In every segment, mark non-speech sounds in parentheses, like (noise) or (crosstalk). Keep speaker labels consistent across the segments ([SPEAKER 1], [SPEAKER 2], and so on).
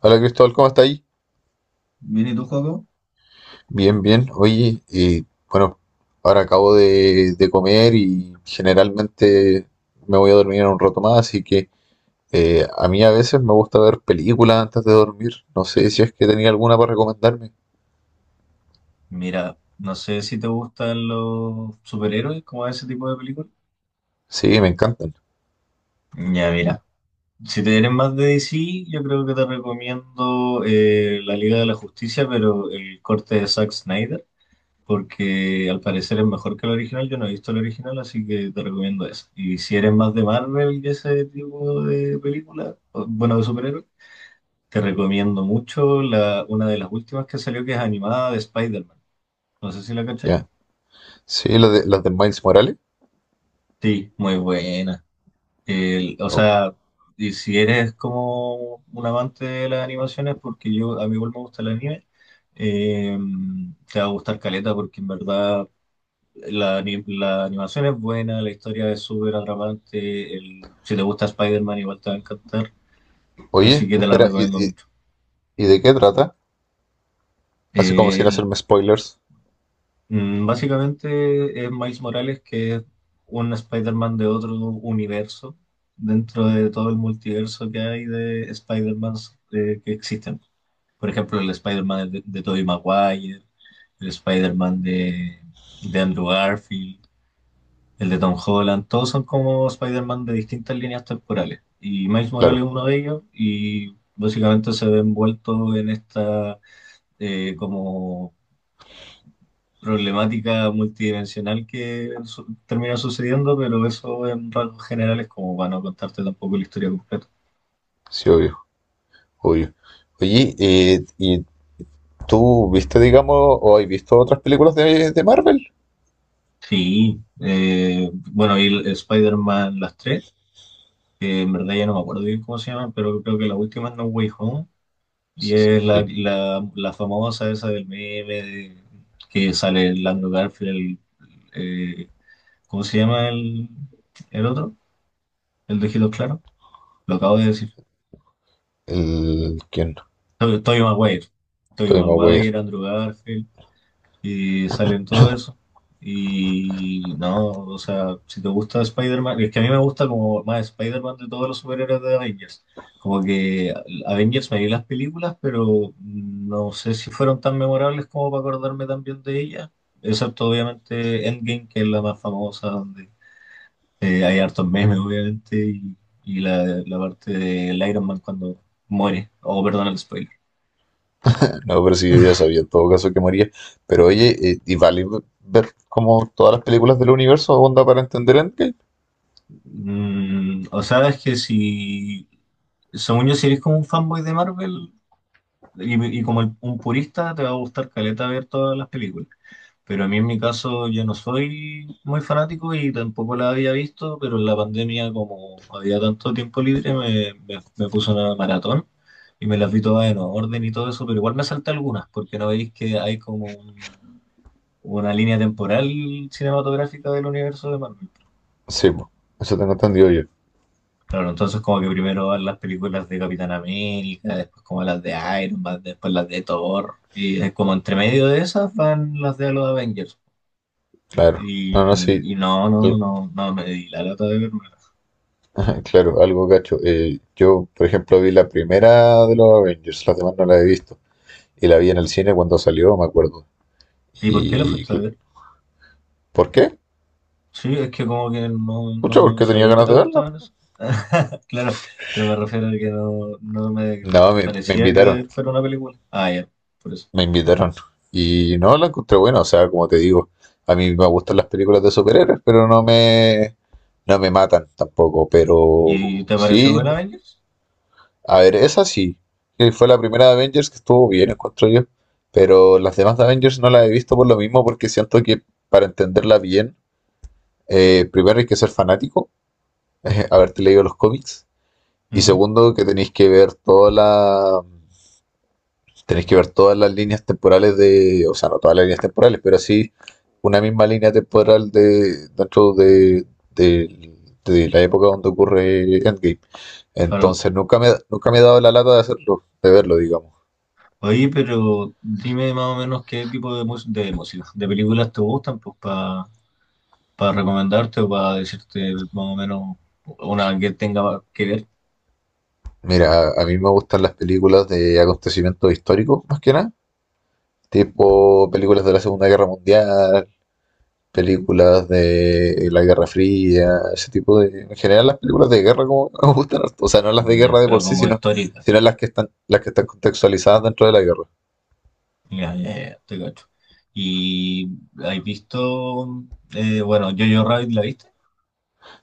[SPEAKER 1] Hola Cristóbal, ¿cómo está ahí?
[SPEAKER 2] Mira, ¿y tú, Joaco?
[SPEAKER 1] Bien, bien. Oye, bueno, ahora acabo de comer y generalmente me voy a dormir en un rato más, así que a mí a veces me gusta ver películas antes de dormir. No sé si es que tenía alguna para recomendarme.
[SPEAKER 2] Mira, no sé si te gustan los superhéroes, como ese tipo de películas.
[SPEAKER 1] Sí, me encantan.
[SPEAKER 2] Ya, mira. Si te eres más de DC, yo creo que te recomiendo La Liga de la Justicia, pero el corte de Zack Snyder, porque al parecer es mejor que el original. Yo no he visto el original, así que te recomiendo eso. Y si eres más de Marvel y ese tipo de películas, bueno, de superhéroes, te recomiendo mucho una de las últimas que salió, que es animada de Spider-Man. No sé si la cacháis.
[SPEAKER 1] Ya. Sí, las de Miles Morales.
[SPEAKER 2] Sí, muy buena. O
[SPEAKER 1] O-
[SPEAKER 2] sea, y si eres como un amante de las animaciones, porque yo a mí igual me gusta el anime, eh, te va a gustar Caleta porque en verdad la animación es buena, la historia es súper atrapante, si te gusta Spider-Man igual te va a encantar,
[SPEAKER 1] Oye,
[SPEAKER 2] así que te la
[SPEAKER 1] espera, ¿y,
[SPEAKER 2] recomiendo
[SPEAKER 1] y,
[SPEAKER 2] mucho.
[SPEAKER 1] y de qué trata? Así como
[SPEAKER 2] Eh,
[SPEAKER 1] sin
[SPEAKER 2] el-
[SPEAKER 1] hacerme spoilers.
[SPEAKER 2] mm, básicamente es Miles Morales, que es un Spider-Man de otro universo dentro de todo el multiverso que hay de Spider-Man que existen. Por ejemplo, el Spider-Man de, Tobey Maguire, el Spider-Man de, Andrew Garfield, el de Tom Holland, todos son como Spider-Man de distintas líneas temporales. Y Miles Morales
[SPEAKER 1] Claro,
[SPEAKER 2] es uno de ellos y básicamente se ve envuelto en esta como problemática multidimensional que termina sucediendo, pero eso en rasgos generales como para no contarte tampoco la historia completa.
[SPEAKER 1] sí, obvio, obvio. Oye, ¿ ¿Tú viste, digamos, o has visto otras películas de Marvel?
[SPEAKER 2] Sí, bueno, y Spider-Man las tres. Que en verdad ya no me acuerdo bien cómo se llama, pero creo que la última es No Way Home, y es
[SPEAKER 1] Sí,
[SPEAKER 2] la famosa esa del meme, que sale Lando Garfield, eh, ¿cómo se llama el otro? El de Ojito Claro, lo acabo de decir.
[SPEAKER 1] el... ¿Quién?
[SPEAKER 2] Tobey Maguire, Tobey
[SPEAKER 1] Todavía me.
[SPEAKER 2] Maguire, Andrew Garfield. Y salen todo eso. Y no, o sea, si te gusta Spider-Man, es que a mí me gusta como más Spider-Man de todos los superhéroes de Avengers. Como que Avengers me vi las películas, pero no sé si fueron tan memorables como para acordarme también de ellas. Excepto obviamente Endgame, que es la más famosa, donde hay hartos memes obviamente, y la parte del Iron Man cuando muere. Oh, perdón el spoiler.
[SPEAKER 1] No, pero sí, yo ya sabía en todo caso que moría. Pero oye, ¿y vale ver como todas las películas del universo onda para entender Endgame?
[SPEAKER 2] O sea, es que según yo, si eres como un fanboy de Marvel y, como un purista, te va a gustar caleta ver todas las películas. Pero a mí en mi caso yo no soy muy fanático y tampoco la había visto, pero en la pandemia como había tanto tiempo libre me puse una maratón y me las vi todas en orden y todo eso, pero igual me salté algunas porque no veis que hay como una línea temporal cinematográfica del universo de Marvel.
[SPEAKER 1] Sí, po, eso tengo entendido yo,
[SPEAKER 2] Claro, entonces como que primero van las películas de Capitán América, después como las de Iron Man, después las de Thor, y es como entre medio de esas van las de los Avengers.
[SPEAKER 1] claro. No, no, sí.
[SPEAKER 2] Y
[SPEAKER 1] Al-
[SPEAKER 2] no me di la lata de verme.
[SPEAKER 1] (laughs) Claro, algo gacho. Yo, por ejemplo, vi la primera de los Avengers, las demás no la he visto. Y la vi en el cine cuando salió, me acuerdo.
[SPEAKER 2] ¿Y por qué la
[SPEAKER 1] ¿Y
[SPEAKER 2] fuiste a
[SPEAKER 1] cl-
[SPEAKER 2] ver?
[SPEAKER 1] por qué?
[SPEAKER 2] Sí, es que como que
[SPEAKER 1] Pucha,
[SPEAKER 2] no
[SPEAKER 1] porque tenía
[SPEAKER 2] sabía que
[SPEAKER 1] ganas
[SPEAKER 2] te
[SPEAKER 1] de verla.
[SPEAKER 2] gustaban eso. (laughs) Claro, pero me refiero a que no me
[SPEAKER 1] No, me
[SPEAKER 2] parecía
[SPEAKER 1] invitaron,
[SPEAKER 2] que fuera una película. Ah, ya, por eso.
[SPEAKER 1] me invitaron. Y no, la encontré buena, o sea, como te digo, a mí me gustan las películas de superhéroes, pero no me matan tampoco.
[SPEAKER 2] ¿Y
[SPEAKER 1] Pero
[SPEAKER 2] te pareció
[SPEAKER 1] sí,
[SPEAKER 2] buena Avengers?
[SPEAKER 1] a ver, esa sí, que fue la primera de Avengers que estuvo bien, encuentro yo. Pero las demás de Avengers no las he visto por lo mismo, porque siento que para entenderla bien, primero hay que ser fanático, (laughs) haberte leído los cómics, y
[SPEAKER 2] Ujú.
[SPEAKER 1] segundo que tenéis que ver toda la. Tenéis que ver todas las líneas temporales de, o sea, no todas las líneas temporales, pero sí una misma línea temporal de de- de la época donde ocurre Endgame.
[SPEAKER 2] Claro.
[SPEAKER 1] Entonces nunca me he dado la lata de hacerlo, de verlo, digamos.
[SPEAKER 2] Oye, pero dime más o menos qué tipo de música, de películas te gustan, pues para recomendarte o para decirte más o menos una que tenga que ver,
[SPEAKER 1] Mira, a mí me gustan las películas de acontecimientos históricos, más que nada, tipo películas de la Segunda Guerra Mundial, películas de la Guerra Fría, ese tipo de... En general las películas de guerra como (laughs) que me gustan harto. O sea, no las de guerra
[SPEAKER 2] ya,
[SPEAKER 1] de por
[SPEAKER 2] pero
[SPEAKER 1] sí,
[SPEAKER 2] como histórica.
[SPEAKER 1] sino las que están contextualizadas dentro de la guerra.
[SPEAKER 2] Ya, ya, ya, te cacho. ¿Y has visto, bueno, Jojo Rabbit la viste?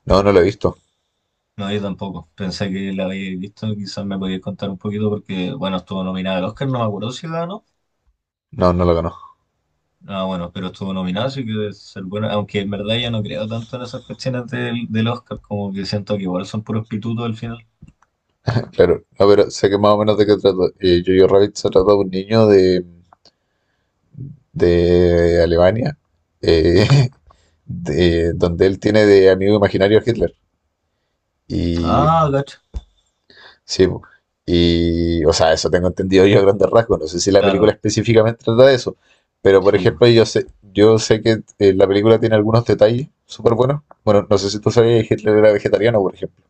[SPEAKER 1] No, no lo he visto.
[SPEAKER 2] No, yo tampoco. Pensé que la habíais visto, quizás me podías contar un poquito porque, bueno, estuvo nominada al Oscar, no me acuerdo si ganó.
[SPEAKER 1] No, no lo conozco.
[SPEAKER 2] Ah, bueno, pero estuvo nominado, así que debe ser bueno. Aunque en verdad ya no creo tanto en esas cuestiones del Oscar, como que siento que igual son puros pitutos al final.
[SPEAKER 1] (laughs) Claro, no, pero sé que más o menos de qué trata. Jojo Rabbit se trata de un niño de Alemania, eh, (laughs) de, donde él tiene de amigo imaginario a Hitler. Y
[SPEAKER 2] Ah, gacho.
[SPEAKER 1] sí, po. Y o sea, eso tengo entendido yo a grandes rasgos. No sé si la película
[SPEAKER 2] Claro,
[SPEAKER 1] específicamente trata de eso, pero por
[SPEAKER 2] sí.
[SPEAKER 1] ejemplo, yo sé que la película tiene algunos detalles súper buenos. Bueno, no sé si tú sabías que Hitler era vegetariano, por ejemplo,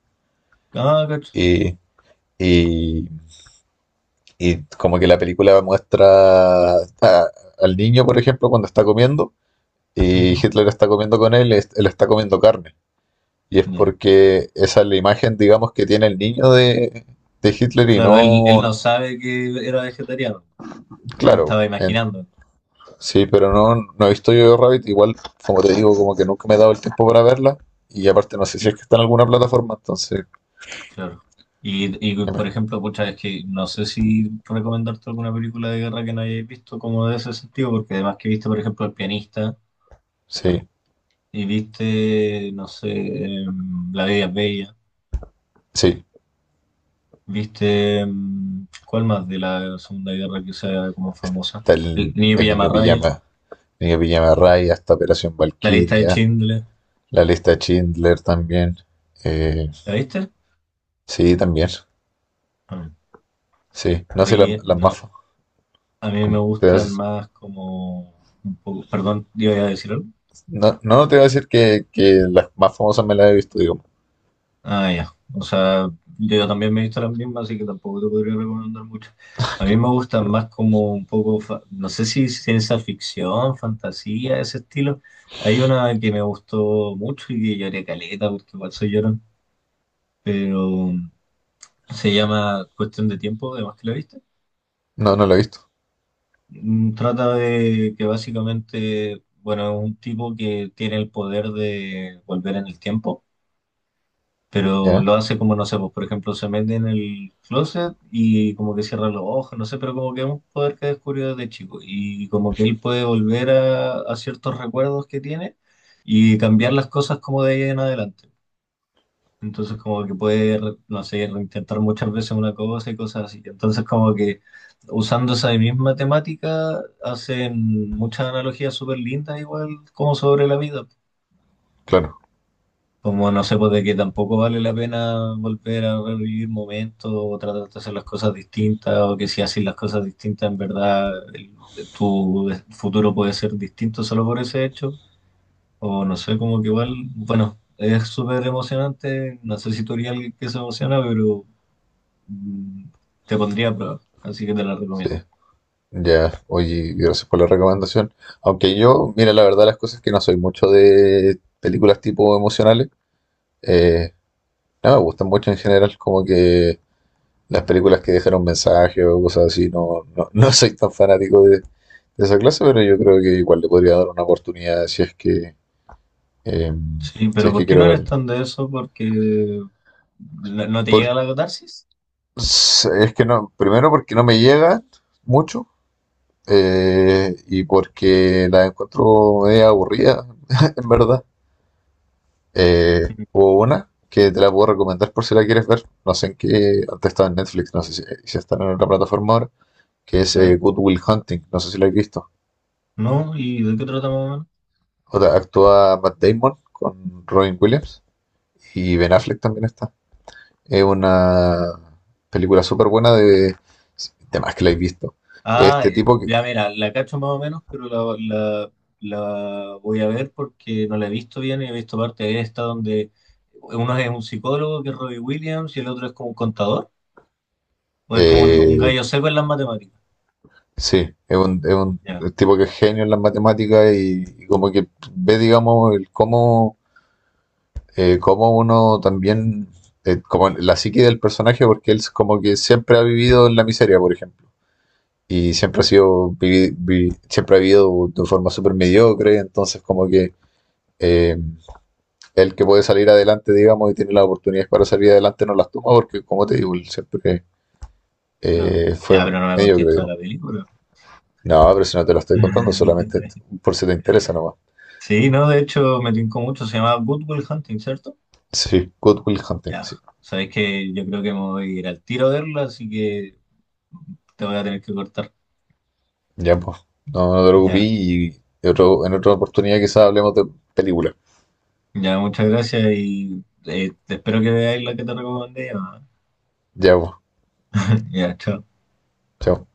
[SPEAKER 2] Ah, gacho.
[SPEAKER 1] y, y, y como que la película muestra a- al niño, por ejemplo, cuando está comiendo y
[SPEAKER 2] Ujú,
[SPEAKER 1] Hitler está comiendo con él, él está comiendo carne. Y es
[SPEAKER 2] ya.
[SPEAKER 1] porque esa es la imagen, digamos, que tiene el niño de Hitler y
[SPEAKER 2] Claro, él,
[SPEAKER 1] no,
[SPEAKER 2] no sabe que era vegetariano. Yo
[SPEAKER 1] claro,
[SPEAKER 2] estaba
[SPEAKER 1] en.
[SPEAKER 2] imaginando.
[SPEAKER 1] Sí, pero no, no he visto yo Rabbit. Igual, como te digo, como que nunca me he dado el tiempo para verla. Y aparte, no sé si
[SPEAKER 2] Y,
[SPEAKER 1] es que está en alguna plataforma. Entonces,
[SPEAKER 2] claro. Y, por
[SPEAKER 1] imag-
[SPEAKER 2] ejemplo, pucha, es que no sé si recomendarte alguna película de guerra que no hayáis visto como de ese sentido, porque además que viste, por ejemplo, El Pianista
[SPEAKER 1] sí,
[SPEAKER 2] y viste, no sé, La Vida es Bella.
[SPEAKER 1] sí.
[SPEAKER 2] ¿Viste cuál más de la Segunda Guerra que sea como famosa?
[SPEAKER 1] Está
[SPEAKER 2] El Niño
[SPEAKER 1] el
[SPEAKER 2] Raya,
[SPEAKER 1] niño pijama Raya, está Operación
[SPEAKER 2] La Lista de
[SPEAKER 1] Valquiria,
[SPEAKER 2] Schindler.
[SPEAKER 1] la lista de Schindler también. Eh,
[SPEAKER 2] ¿La viste?
[SPEAKER 1] sí, también.
[SPEAKER 2] Ah.
[SPEAKER 1] Sí, no sé, la-
[SPEAKER 2] Oye,
[SPEAKER 1] las más.
[SPEAKER 2] no,
[SPEAKER 1] Fa-
[SPEAKER 2] a mí me
[SPEAKER 1] como- te voy a
[SPEAKER 2] gustan
[SPEAKER 1] decir-
[SPEAKER 2] más como un poco... Perdón, ¿yo iba a decir algo?
[SPEAKER 1] no, no te voy a decir que las más famosas me las he visto, digo.
[SPEAKER 2] Ah, ya. O sea, yo también me he visto las mismas, así que tampoco te podría recomendar mucho. A mí me gustan
[SPEAKER 1] Pero,
[SPEAKER 2] más como un poco, no sé si ciencia ficción, fantasía, ese estilo. Hay una que me gustó mucho y que lloré caleta porque igual soy llorón, pero se llama Cuestión de Tiempo, además que la viste.
[SPEAKER 1] no, no la he visto.
[SPEAKER 2] Mm, trata de que básicamente, bueno, es un tipo que tiene el poder de volver en el tiempo, pero
[SPEAKER 1] Ya,
[SPEAKER 2] lo hace como, no sé, pues por ejemplo se mete en el closet y como que cierra los ojos, no sé, pero como que es un poder que descubrió desde chico y como que él puede volver a ciertos recuerdos que tiene y cambiar las cosas como de ahí en adelante. Entonces como que puede, no sé, intentar muchas veces una cosa y cosas así. Entonces como que usando esa misma temática hacen muchas analogías súper lindas igual como sobre la vida.
[SPEAKER 1] claro,
[SPEAKER 2] Como no sé, pues de que tampoco vale la pena volver a revivir momentos o tratar de hacer las cosas distintas o que si haces las cosas distintas en verdad tu futuro puede ser distinto solo por ese hecho. O no sé, como que igual, bueno, es súper emocionante. No sé si tú eres alguien que se emociona, pero... mm, te pondría a prueba, así que te la
[SPEAKER 1] sí.
[SPEAKER 2] recomiendo.
[SPEAKER 1] Ya, oye, gracias por la recomendación. Aunque yo, mira, la verdad, las cosas que no soy mucho de películas tipo emocionales, eh, no me gustan mucho en general, como que las películas que dejan un mensaje o cosas así, no, no, (laughs) no soy tan fanático de esa clase, pero yo creo que igual le podría dar una oportunidad si es que, eh,
[SPEAKER 2] Sí,
[SPEAKER 1] si
[SPEAKER 2] pero
[SPEAKER 1] es
[SPEAKER 2] ¿por
[SPEAKER 1] que
[SPEAKER 2] qué no
[SPEAKER 1] quiero
[SPEAKER 2] eres
[SPEAKER 1] verlo.
[SPEAKER 2] tan de eso? Porque no te llega
[SPEAKER 1] Por,
[SPEAKER 2] la catarsis.
[SPEAKER 1] es que no, primero porque no me llega mucho y porque la encuentro media aburrida, (laughs) en verdad.
[SPEAKER 2] Ujú.
[SPEAKER 1] Hubo una que te la puedo recomendar por si la quieres ver. No sé en qué. Antes estaba en Netflix, no sé si está en otra plataforma ahora. Que es
[SPEAKER 2] A ver,
[SPEAKER 1] Good Will Hunting. No sé si la has visto.
[SPEAKER 2] ¿no? ¿Y de qué trata más o menos?
[SPEAKER 1] Otra, actúa Matt Damon con Robin Williams y Ben Affleck también está. Es una película súper buena de. De más que la he visto.
[SPEAKER 2] Ah,
[SPEAKER 1] Este tipo que.
[SPEAKER 2] ya mira, la cacho más o menos, pero la, la- la voy a ver porque no la he visto bien y he visto parte de esta donde uno es un psicólogo que es Robbie Williams y el otro es como un contador o es como un
[SPEAKER 1] eh,
[SPEAKER 2] gallo seco en las matemáticas.
[SPEAKER 1] sí, es un
[SPEAKER 2] Ya,
[SPEAKER 1] tipo que es genio en las matemáticas y como que ve, digamos, el cómo cómo uno también, como la psique del personaje, porque él es como que siempre ha vivido en la miseria, por ejemplo, y siempre ha sido, siempre ha vivido de forma súper mediocre, entonces como que eh, el que puede salir adelante, digamos, y tiene las oportunidades para salir adelante, no las toma, porque como te digo, él siempre
[SPEAKER 2] claro.
[SPEAKER 1] fue
[SPEAKER 2] Ya, pero no me
[SPEAKER 1] mediocre,
[SPEAKER 2] contesto a
[SPEAKER 1] digo.
[SPEAKER 2] la película.
[SPEAKER 1] No, pero si no te lo estoy contando, solamente
[SPEAKER 2] (laughs)
[SPEAKER 1] por si te interesa nomás.
[SPEAKER 2] Sí, no, de hecho me tincó mucho, se llama Good Will Hunting, ¿cierto?
[SPEAKER 1] Sí, Good Will Hunting,
[SPEAKER 2] Ya,
[SPEAKER 1] sí.
[SPEAKER 2] sabes que yo creo que me voy a ir al tiro a verla, así que te voy a tener que cortar.
[SPEAKER 1] Ya, pues. No, no te preocupes
[SPEAKER 2] Ya,
[SPEAKER 1] y otro, en otra oportunidad quizás hablemos de películas.
[SPEAKER 2] ya, muchas gracias y te espero que veáis la que te recomendé. Ya,
[SPEAKER 1] Ya, pues.
[SPEAKER 2] (laughs) ya, chao.
[SPEAKER 1] Chao.